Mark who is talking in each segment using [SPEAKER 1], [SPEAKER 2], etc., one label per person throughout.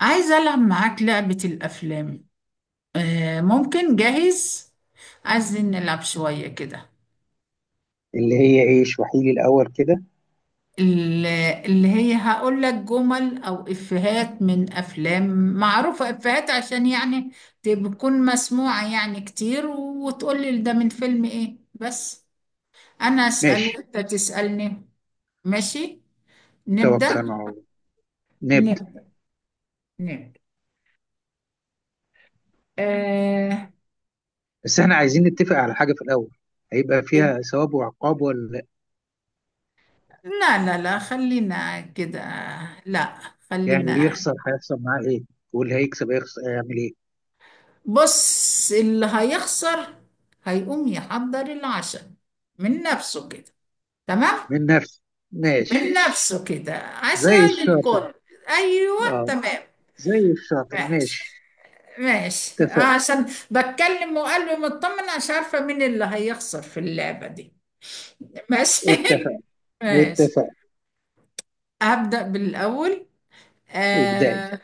[SPEAKER 1] عايزة ألعب معاك لعبة الأفلام. ممكن. جاهز؟ عايزين نلعب شوية كده.
[SPEAKER 2] اللي هي ايه اشرحي لي الاول كده؟
[SPEAKER 1] ال- اللي هي هقول لك جمل أو إفيهات من أفلام معروفة، إفيهات عشان يعني تكون مسموعة يعني كتير، وتقول لي ده من فيلم إيه بس. أنا أسأل
[SPEAKER 2] ماشي.
[SPEAKER 1] وأنت تسألني. ماشي. نبدأ.
[SPEAKER 2] توكلنا على الله. نبدأ.
[SPEAKER 1] نبدأ. نبدأ. آه
[SPEAKER 2] بس احنا عايزين نتفق على حاجة في الاول. هيبقى فيها ثواب وعقاب ولا؟
[SPEAKER 1] لا لا لا، خلينا كده. لا،
[SPEAKER 2] يعني
[SPEAKER 1] خلينا.
[SPEAKER 2] اللي يخسر هيحصل معاه ايه؟ واللي هيكسب هيخسر هيعمل ايه؟
[SPEAKER 1] بص، اللي هيخسر هيقوم يحضر العشاء من نفسه كده، تمام؟
[SPEAKER 2] من نفسه.
[SPEAKER 1] من
[SPEAKER 2] ماشي.
[SPEAKER 1] نفسه كده،
[SPEAKER 2] زي
[SPEAKER 1] عشاء
[SPEAKER 2] الشاطر.
[SPEAKER 1] للكل. ايوه،
[SPEAKER 2] اه،
[SPEAKER 1] تمام.
[SPEAKER 2] زي الشاطر.
[SPEAKER 1] ماشي.
[SPEAKER 2] ماشي.
[SPEAKER 1] ماشي
[SPEAKER 2] اتفق،
[SPEAKER 1] عشان بتكلم وقلبي مطمن، مش عارفه مين اللي هيخسر في اللعبه دي. ماشي.
[SPEAKER 2] اتفق،
[SPEAKER 1] ماشي.
[SPEAKER 2] اتفق.
[SPEAKER 1] هبدأ بالاول.
[SPEAKER 2] ابدأي.
[SPEAKER 1] آه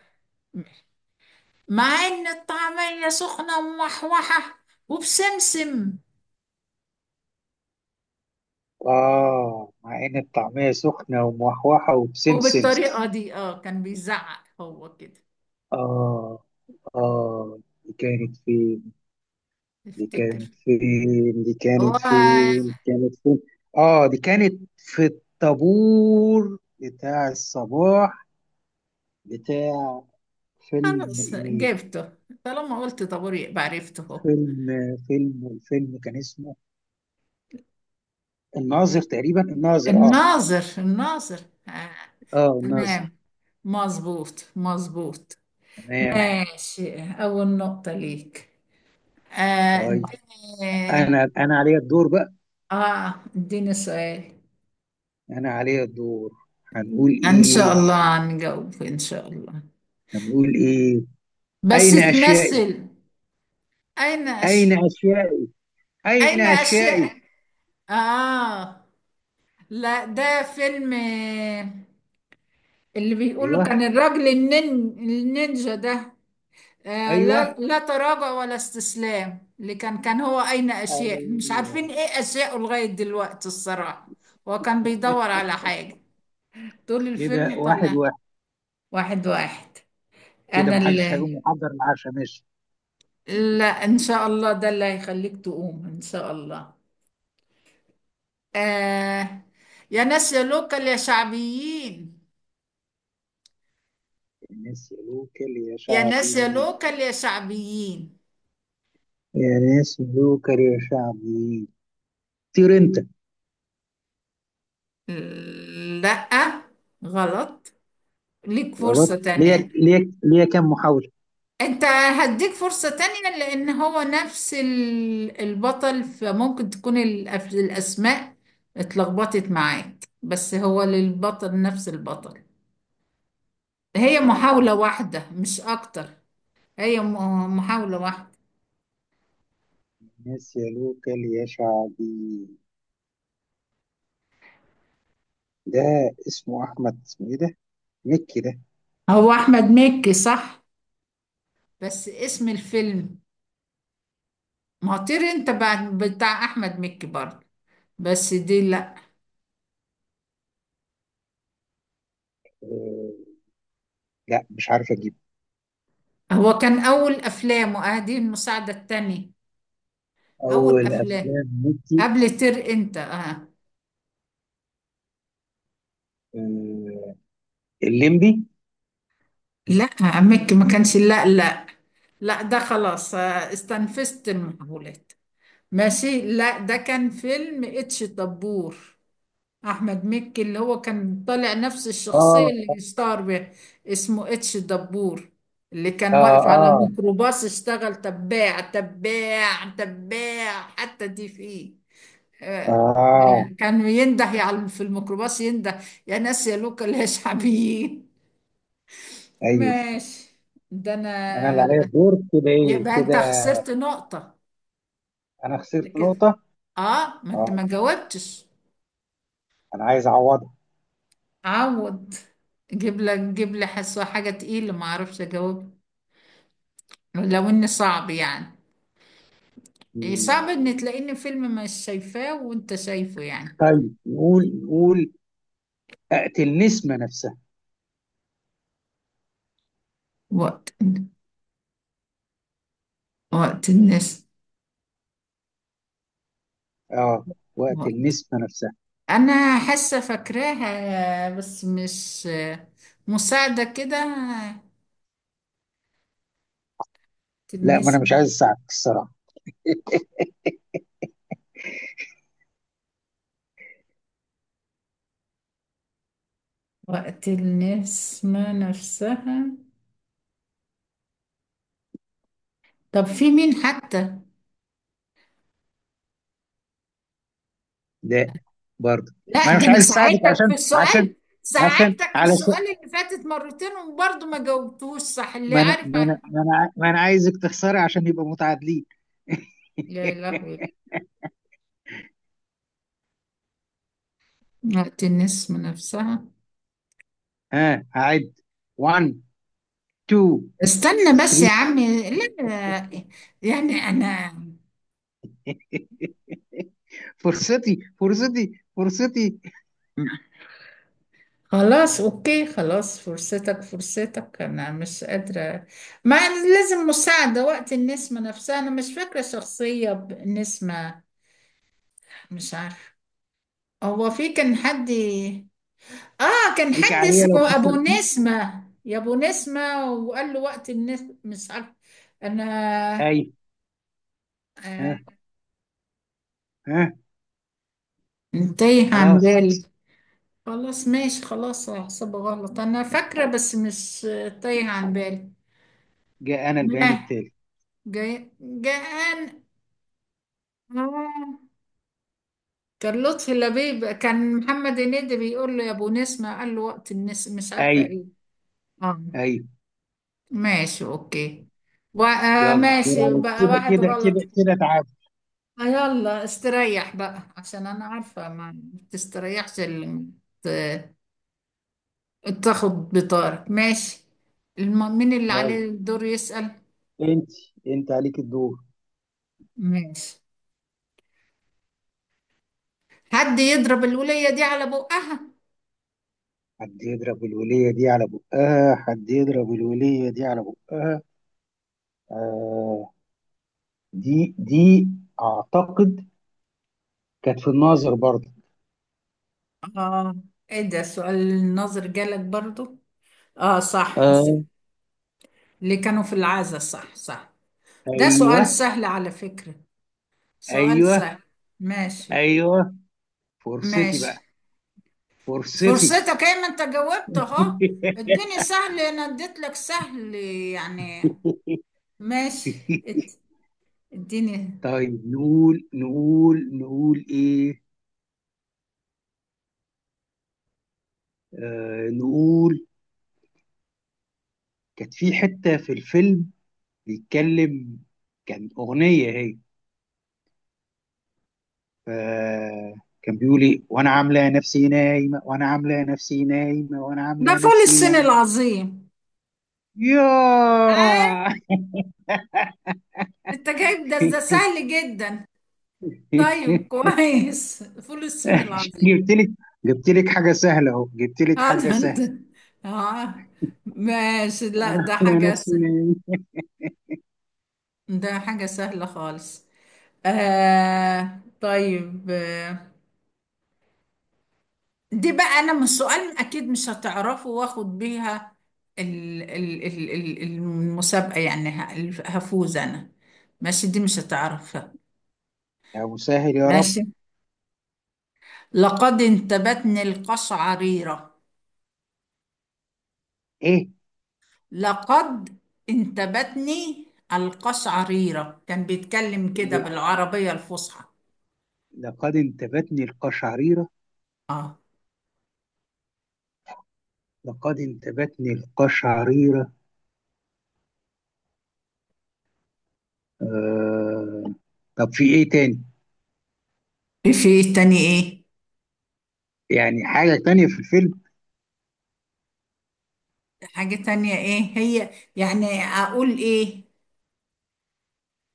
[SPEAKER 1] مع ان الطعميه سخنه ومحوحه وبسمسم،
[SPEAKER 2] اه، مع ان الطعمية سخنة وموحوحة وبسمسم.
[SPEAKER 1] وبالطريقه دي كان بيزعق هو كده.
[SPEAKER 2] اه، اه. دي كانت فين؟ دي
[SPEAKER 1] افتكر.
[SPEAKER 2] كانت فين؟ دي
[SPEAKER 1] هو
[SPEAKER 2] كانت فين؟ دي كانت فين؟ اه، دي كانت في الطابور بتاع الصباح بتاع. فيلم
[SPEAKER 1] خلاص
[SPEAKER 2] ايه؟
[SPEAKER 1] جبته، طالما قلت طابور يبقى عرفته هو.
[SPEAKER 2] فيلم فيلم والفيلم كان اسمه الناظر تقريبا. الناظر. اه،
[SPEAKER 1] الناظر، الناظر. آه.
[SPEAKER 2] اه. الناظر.
[SPEAKER 1] تمام، مظبوط مظبوط.
[SPEAKER 2] تمام.
[SPEAKER 1] ماشي، أول نقطة ليك. آه
[SPEAKER 2] طيب.
[SPEAKER 1] اديني
[SPEAKER 2] انا عليا الدور بقى.
[SPEAKER 1] اه اديني سؤال.
[SPEAKER 2] انا عليا الدور. هنقول
[SPEAKER 1] إن شاء
[SPEAKER 2] ايه؟
[SPEAKER 1] الله هنجاوب إن شاء الله،
[SPEAKER 2] هنقول ايه؟
[SPEAKER 1] بس
[SPEAKER 2] اين اشيائي؟
[SPEAKER 1] تمثل. أين
[SPEAKER 2] اين
[SPEAKER 1] أش...
[SPEAKER 2] اشيائي؟ اين
[SPEAKER 1] أين
[SPEAKER 2] اشيائي؟
[SPEAKER 1] أشياء. آه لا، ده فيلم اللي بيقولوا
[SPEAKER 2] ايوه،
[SPEAKER 1] كان الراجل النينجا ده. آه،
[SPEAKER 2] ايوه،
[SPEAKER 1] لا لا، تراجع ولا استسلام. اللي كان هو أين أشياء، مش
[SPEAKER 2] ايوه.
[SPEAKER 1] عارفين إيه أشياءه لغاية دلوقتي الصراحة. هو كان بيدور على حاجة طول
[SPEAKER 2] كده
[SPEAKER 1] الفيلم
[SPEAKER 2] واحد
[SPEAKER 1] طلع.
[SPEAKER 2] واحد.
[SPEAKER 1] واحد واحد.
[SPEAKER 2] كده
[SPEAKER 1] أنا
[SPEAKER 2] محدش
[SPEAKER 1] اللي
[SPEAKER 2] هيقوم يحضر العشاء. ماشي.
[SPEAKER 1] لا، إن شاء الله ده اللي هيخليك تقوم إن شاء الله. آه يا ناس يا لوكال يا شعبيين،
[SPEAKER 2] الناس يلوكل يا
[SPEAKER 1] يا ناس يا
[SPEAKER 2] شعبي.
[SPEAKER 1] لوكال يا شعبيين.
[SPEAKER 2] يا ناس يلوكل يا شعبي. طير انت.
[SPEAKER 1] لا، غلط. ليك فرصة
[SPEAKER 2] غلط. ليا
[SPEAKER 1] تانية.
[SPEAKER 2] ليا ليا كام محاولة؟
[SPEAKER 1] انت هديك فرصة تانية لان هو نفس البطل، فممكن تكون الاسماء اتلخبطت معاك، بس هو للبطل، نفس البطل. هي
[SPEAKER 2] طيب.
[SPEAKER 1] محاولة واحدة مش اكتر. هي محاولة واحدة.
[SPEAKER 2] الناس يا لوكال يا شعبي ده. اسمه أحمد. اسمه إيه ده؟ مكي ده.
[SPEAKER 1] هو احمد مكي صح، بس اسم الفيلم؟ مطير انت بعد بتاع احمد مكي برضه، بس دي لا.
[SPEAKER 2] آه. لا، مش عارف أجيب.
[SPEAKER 1] هو كان اول افلامه، دي المساعدة التانية. اول
[SPEAKER 2] أول
[SPEAKER 1] افلام،
[SPEAKER 2] أفلام مكي؟
[SPEAKER 1] قبل انت. اه
[SPEAKER 2] آه. الليمبي؟
[SPEAKER 1] لا، عمك ما كانش، لا لا. لا، ده خلاص استنفذت المحاولات. ماشي. لا، ده كان فيلم اتش دبور، احمد مكي اللي هو كان طالع نفس الشخصية اللي
[SPEAKER 2] آه،
[SPEAKER 1] اشتهر بيها. اسمه اتش دبور، اللي
[SPEAKER 2] آه،
[SPEAKER 1] كان واقف على
[SPEAKER 2] آه،
[SPEAKER 1] ميكروباص اشتغل تباع تباع تباع، حتى دي فيه آه،
[SPEAKER 2] آه.
[SPEAKER 1] كان ينده يعني في الميكروباص، ينده يا ناس يا لوكا ليش حبيب.
[SPEAKER 2] أيوه.
[SPEAKER 1] ماشي. ده
[SPEAKER 2] أنا اللي عليا
[SPEAKER 1] انا.
[SPEAKER 2] الدور كده. إيه
[SPEAKER 1] يبقى
[SPEAKER 2] كده؟
[SPEAKER 1] انت خسرت نقطة.
[SPEAKER 2] أنا
[SPEAKER 1] ده
[SPEAKER 2] خسرت
[SPEAKER 1] كده.
[SPEAKER 2] نقطة.
[SPEAKER 1] اه ما انت ما
[SPEAKER 2] آه.
[SPEAKER 1] جاوبتش.
[SPEAKER 2] أنا عايز أعوضها.
[SPEAKER 1] عوض. جيب لي حسوة حاجة تقيلة ما اعرفش اجاوب. لو اني صعب يعني. إيه
[SPEAKER 2] مم.
[SPEAKER 1] صعب ان تلاقيني فيلم مش شايفاه وانت شايفه يعني؟
[SPEAKER 2] طيب. نقول. أقتل نسمة نفسها.
[SPEAKER 1] وقت وقت الناس.
[SPEAKER 2] آه، وأقتل
[SPEAKER 1] وقت.
[SPEAKER 2] نسمة نفسها.
[SPEAKER 1] انا حاسة فاكراها بس مش. مساعدة كده.
[SPEAKER 2] لا، ما أنا مش
[SPEAKER 1] النسمة.
[SPEAKER 2] عايز أساعدك الصراحة.
[SPEAKER 1] وقت النسمة نفسها. طب في مين حتى؟
[SPEAKER 2] لا، برضه.
[SPEAKER 1] لا،
[SPEAKER 2] ما انا
[SPEAKER 1] ده
[SPEAKER 2] مش
[SPEAKER 1] انا
[SPEAKER 2] عايز اساعدك
[SPEAKER 1] ساعدتك في
[SPEAKER 2] عشان عشان
[SPEAKER 1] السؤال.
[SPEAKER 2] عشان
[SPEAKER 1] ساعدتك في
[SPEAKER 2] علشان
[SPEAKER 1] السؤال اللي فاتت مرتين وبرضه ما جاوبتوش صح، اللي
[SPEAKER 2] ما انا
[SPEAKER 1] عارف
[SPEAKER 2] ما انا
[SPEAKER 1] عارف.
[SPEAKER 2] ما انا ع- ما أنا عايزك تخسري عشان يبقى متعادلين.
[SPEAKER 1] يا لهوي. وقت الناس من نفسها.
[SPEAKER 2] ها، هعد. 1، 2،
[SPEAKER 1] استنى بس يا
[SPEAKER 2] 3.
[SPEAKER 1] عمي، لا. يعني انا.
[SPEAKER 2] فرصتي، فرصتي، فرصتي.
[SPEAKER 1] خلاص، اوكي، خلاص. فرصتك، فرصتك، انا مش قادرة. ما لازم مساعدة. وقت النسمة نفسها. انا مش فاكرة شخصية بنسمة. مش عارفة. هو في كان حد. اه كان
[SPEAKER 2] ليك
[SPEAKER 1] حد
[SPEAKER 2] عليا لو
[SPEAKER 1] اسمه ابو
[SPEAKER 2] خسرت.
[SPEAKER 1] نسمة، يا ابو نسمة، وقال له وقت الناس مش عارف. انا.
[SPEAKER 2] اي.
[SPEAKER 1] آه
[SPEAKER 2] ها، ها.
[SPEAKER 1] تايه عن
[SPEAKER 2] خلاص.
[SPEAKER 1] بالي. خلاص ماشي، خلاص هحسبه غلط. انا فاكرة بس مش تايه عن بالي.
[SPEAKER 2] جاء انا البيان
[SPEAKER 1] ما
[SPEAKER 2] التالي.
[SPEAKER 1] جاي جاءان. آه. كان لطفي لبيب كان محمد هنيدي بيقول له يا ابو نسمة، قال له وقت الناس مش عارفة
[SPEAKER 2] اي،
[SPEAKER 1] ايه. اه
[SPEAKER 2] اي.
[SPEAKER 1] ماشي، اوكي.
[SPEAKER 2] يلا. دور
[SPEAKER 1] ماشي
[SPEAKER 2] عليك
[SPEAKER 1] بقى،
[SPEAKER 2] كده
[SPEAKER 1] واحد
[SPEAKER 2] كده
[SPEAKER 1] غلط.
[SPEAKER 2] كده كده. تعادل.
[SPEAKER 1] يلا استريح بقى عشان انا عارفة ما تستريحش اللي ت- تاخد بطارك. ماشي. مين اللي
[SPEAKER 2] يلا.
[SPEAKER 1] عليه الدور يسأل؟
[SPEAKER 2] انت انت عليك الدور.
[SPEAKER 1] ماشي. حد يضرب الولية دي على بقها.
[SPEAKER 2] حد يضرب الولية دي على بقها. حد يضرب الولية دي على بقها. آه، دي أعتقد كانت في الناظر برضه.
[SPEAKER 1] اه ايه ده، سؤال النظر جالك برضو. اه صح صح.
[SPEAKER 2] آه.
[SPEAKER 1] اللي كانوا في العزا، صح صح. ده سؤال
[SPEAKER 2] أيوه،
[SPEAKER 1] سهل على فكرة، سؤال
[SPEAKER 2] أيوه،
[SPEAKER 1] سهل. ماشي.
[SPEAKER 2] أيوه. فرصتي
[SPEAKER 1] ماشي.
[SPEAKER 2] بقى. فرصتي.
[SPEAKER 1] فرصتك ايه ما انت جاوبت اهو. اديني سهل، انا اديت لك سهل يعني. ماشي. اد- اديني.
[SPEAKER 2] طيب. نقول إيه؟ آه، نقول. كانت في حتة في الفيلم بيتكلم. كان أغنية هي. آه، كان بيقول لي وانا عامله نفسي نايمه، وانا عامله نفسي نايمه، وانا
[SPEAKER 1] ده
[SPEAKER 2] عامله
[SPEAKER 1] فول
[SPEAKER 2] نفسي
[SPEAKER 1] الصين
[SPEAKER 2] نايمه.
[SPEAKER 1] العظيم. آه
[SPEAKER 2] ياه.
[SPEAKER 1] انت جايب ده، ده سهل جدا. طيب، كويس، فول الصين العظيم.
[SPEAKER 2] جبت لك. جبت لك حاجه سهله اهو. جبت لك
[SPEAKER 1] اه
[SPEAKER 2] حاجه
[SPEAKER 1] ده انت.
[SPEAKER 2] سهله.
[SPEAKER 1] اه ماشي. لا،
[SPEAKER 2] انا عامله نفسي نايمه.
[SPEAKER 1] ده حاجة سهلة خالص. طيب. دي بقى انا من السؤال اكيد مش هتعرفه، واخد بيها المسابقة يعني، هفوز انا. ماشي، دي مش هتعرفها.
[SPEAKER 2] يا مسهل يا رب.
[SPEAKER 1] ماشي. لقد انتابتني القشعريرة.
[SPEAKER 2] ايه
[SPEAKER 1] لقد انتابتني القشعريرة، كان بيتكلم كده
[SPEAKER 2] اللي
[SPEAKER 1] بالعربية الفصحى.
[SPEAKER 2] لقد انتابتني القشعريره؟
[SPEAKER 1] اه
[SPEAKER 2] لقد انتابتني القشعريره. آه. طب في ايه تاني؟
[SPEAKER 1] في إيه تاني ايه؟
[SPEAKER 2] يعني حاجه تانية في الفيلم.
[SPEAKER 1] حاجة تانية ايه هي يعني اقول ايه؟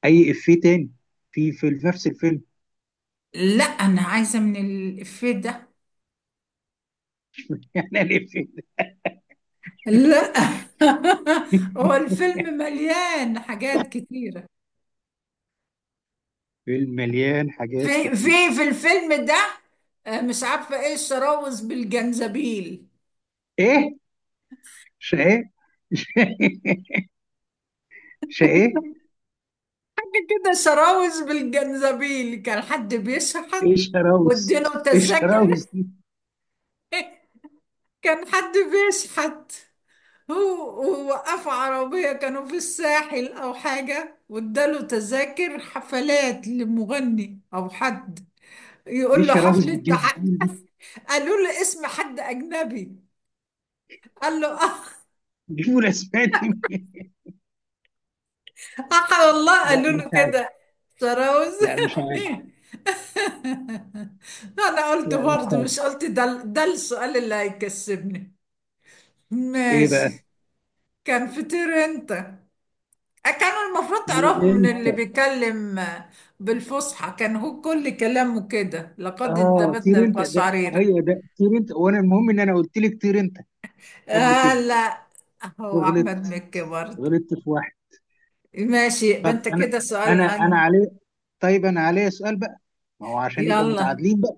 [SPEAKER 2] اي افيه تاني؟ في نفس الفيلم.
[SPEAKER 1] لا، انا عايزة من الإفيه ده.
[SPEAKER 2] يعني الافيه.
[SPEAKER 1] لا. هو الفيلم مليان حاجات كتيرة.
[SPEAKER 2] فيلم مليان حاجات
[SPEAKER 1] في
[SPEAKER 2] كتير.
[SPEAKER 1] في الفيلم ده مش عارفة ايه الشراوذ بالجنزبيل.
[SPEAKER 2] ايه شقاق؟ شقاق.
[SPEAKER 1] حاجة كده، شراوذ بالجنزبيل، كان حد
[SPEAKER 2] ايه
[SPEAKER 1] بيشحت
[SPEAKER 2] الشراوس؟
[SPEAKER 1] واديله
[SPEAKER 2] ايه
[SPEAKER 1] تذاكر.
[SPEAKER 2] الشراوس دي؟
[SPEAKER 1] كان حد بيشحت، هو ووقفوا عربية كانوا في الساحل أو حاجة، واداله تذاكر حفلات لمغني أو حد،
[SPEAKER 2] ايه
[SPEAKER 1] يقول له
[SPEAKER 2] الشراوس
[SPEAKER 1] حفلة
[SPEAKER 2] بالجنس دي؟
[SPEAKER 1] قالوا له اسم حد أجنبي، قال له
[SPEAKER 2] جيبوا الاسماء دي منين؟
[SPEAKER 1] والله
[SPEAKER 2] لا،
[SPEAKER 1] قالوا
[SPEAKER 2] مش
[SPEAKER 1] له
[SPEAKER 2] عارف.
[SPEAKER 1] كده، سراوز.
[SPEAKER 2] لا، مش عارف.
[SPEAKER 1] انا قلت
[SPEAKER 2] لا، مش
[SPEAKER 1] برضه
[SPEAKER 2] عارف.
[SPEAKER 1] مش قلت ده السؤال اللي هيكسبني.
[SPEAKER 2] ايه بقى؟
[SPEAKER 1] ماشي. كان فطير انت، كانوا المفروض تعرفوا
[SPEAKER 2] طير
[SPEAKER 1] من
[SPEAKER 2] انت.
[SPEAKER 1] اللي بيتكلم، بالفصحى، كان هو كل كلامه كده، لقد
[SPEAKER 2] اه،
[SPEAKER 1] انتابتنا
[SPEAKER 2] طير انت ده.
[SPEAKER 1] القشعريرة.
[SPEAKER 2] ايوه، ده طير انت، وانا المهم ان انا قلت لك طير انت قبل كده.
[SPEAKER 1] لا، هو احمد
[SPEAKER 2] وغلطت.
[SPEAKER 1] مكي برضه.
[SPEAKER 2] غلطت في واحد.
[SPEAKER 1] ماشي، يبقى
[SPEAKER 2] طب
[SPEAKER 1] انت
[SPEAKER 2] انا.
[SPEAKER 1] كده سؤال
[SPEAKER 2] انا
[SPEAKER 1] هاني.
[SPEAKER 2] عليه. طيب، انا عليه سؤال بقى. ما هو عشان يبقى
[SPEAKER 1] يلا.
[SPEAKER 2] متعادلين بقى.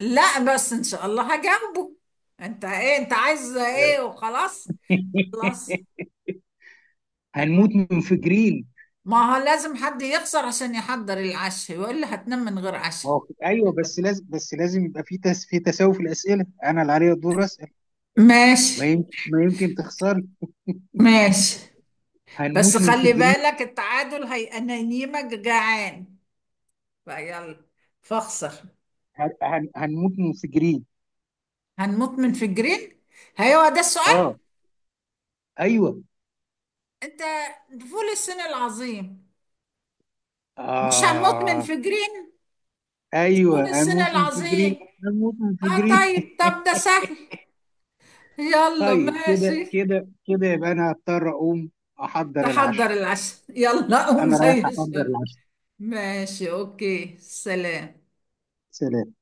[SPEAKER 1] لا بس ان شاء الله هجنبه. انت ايه، انت عايز ايه وخلاص؟ خلاص.
[SPEAKER 2] هنموت منفجرين.
[SPEAKER 1] ما هو لازم حد يخسر عشان يحضر العشاء، وإلا هتنام من غير عشاء.
[SPEAKER 2] ما هو ايوه، بس لازم، بس لازم يبقى في تساوي في الاسئله. انا اللي عليا الدور اسال. ما
[SPEAKER 1] ماشي.
[SPEAKER 2] يمكن ما يمكن تخسري.
[SPEAKER 1] ماشي، بس
[SPEAKER 2] هنموت
[SPEAKER 1] خلي
[SPEAKER 2] منفجرين.
[SPEAKER 1] بالك التعادل هي انا ينيمك جعان، فيلا فاخسر.
[SPEAKER 2] هنموت منفجرين.
[SPEAKER 1] هنموت من فجرين. هيوا ده السؤال؟
[SPEAKER 2] اه. ايوه.
[SPEAKER 1] انت، فول الصين العظيم. مش هنموت
[SPEAKER 2] اه،
[SPEAKER 1] من فجرين.
[SPEAKER 2] ايوه.
[SPEAKER 1] فول الصين
[SPEAKER 2] هنموت منفجرين.
[SPEAKER 1] العظيم.
[SPEAKER 2] هنموت
[SPEAKER 1] اه
[SPEAKER 2] منفجرين.
[SPEAKER 1] طيب طب ده سهل. يلا،
[SPEAKER 2] طيب، كده
[SPEAKER 1] ماشي.
[SPEAKER 2] كده كده. يبقى انا هضطر اقوم احضر
[SPEAKER 1] تحضر
[SPEAKER 2] العشاء.
[SPEAKER 1] العشاء، يلا قوم
[SPEAKER 2] انا
[SPEAKER 1] زي
[SPEAKER 2] رايح احضر
[SPEAKER 1] الشغل.
[SPEAKER 2] العشاء.
[SPEAKER 1] ماشي، اوكي، سلام.
[SPEAKER 2] سلام.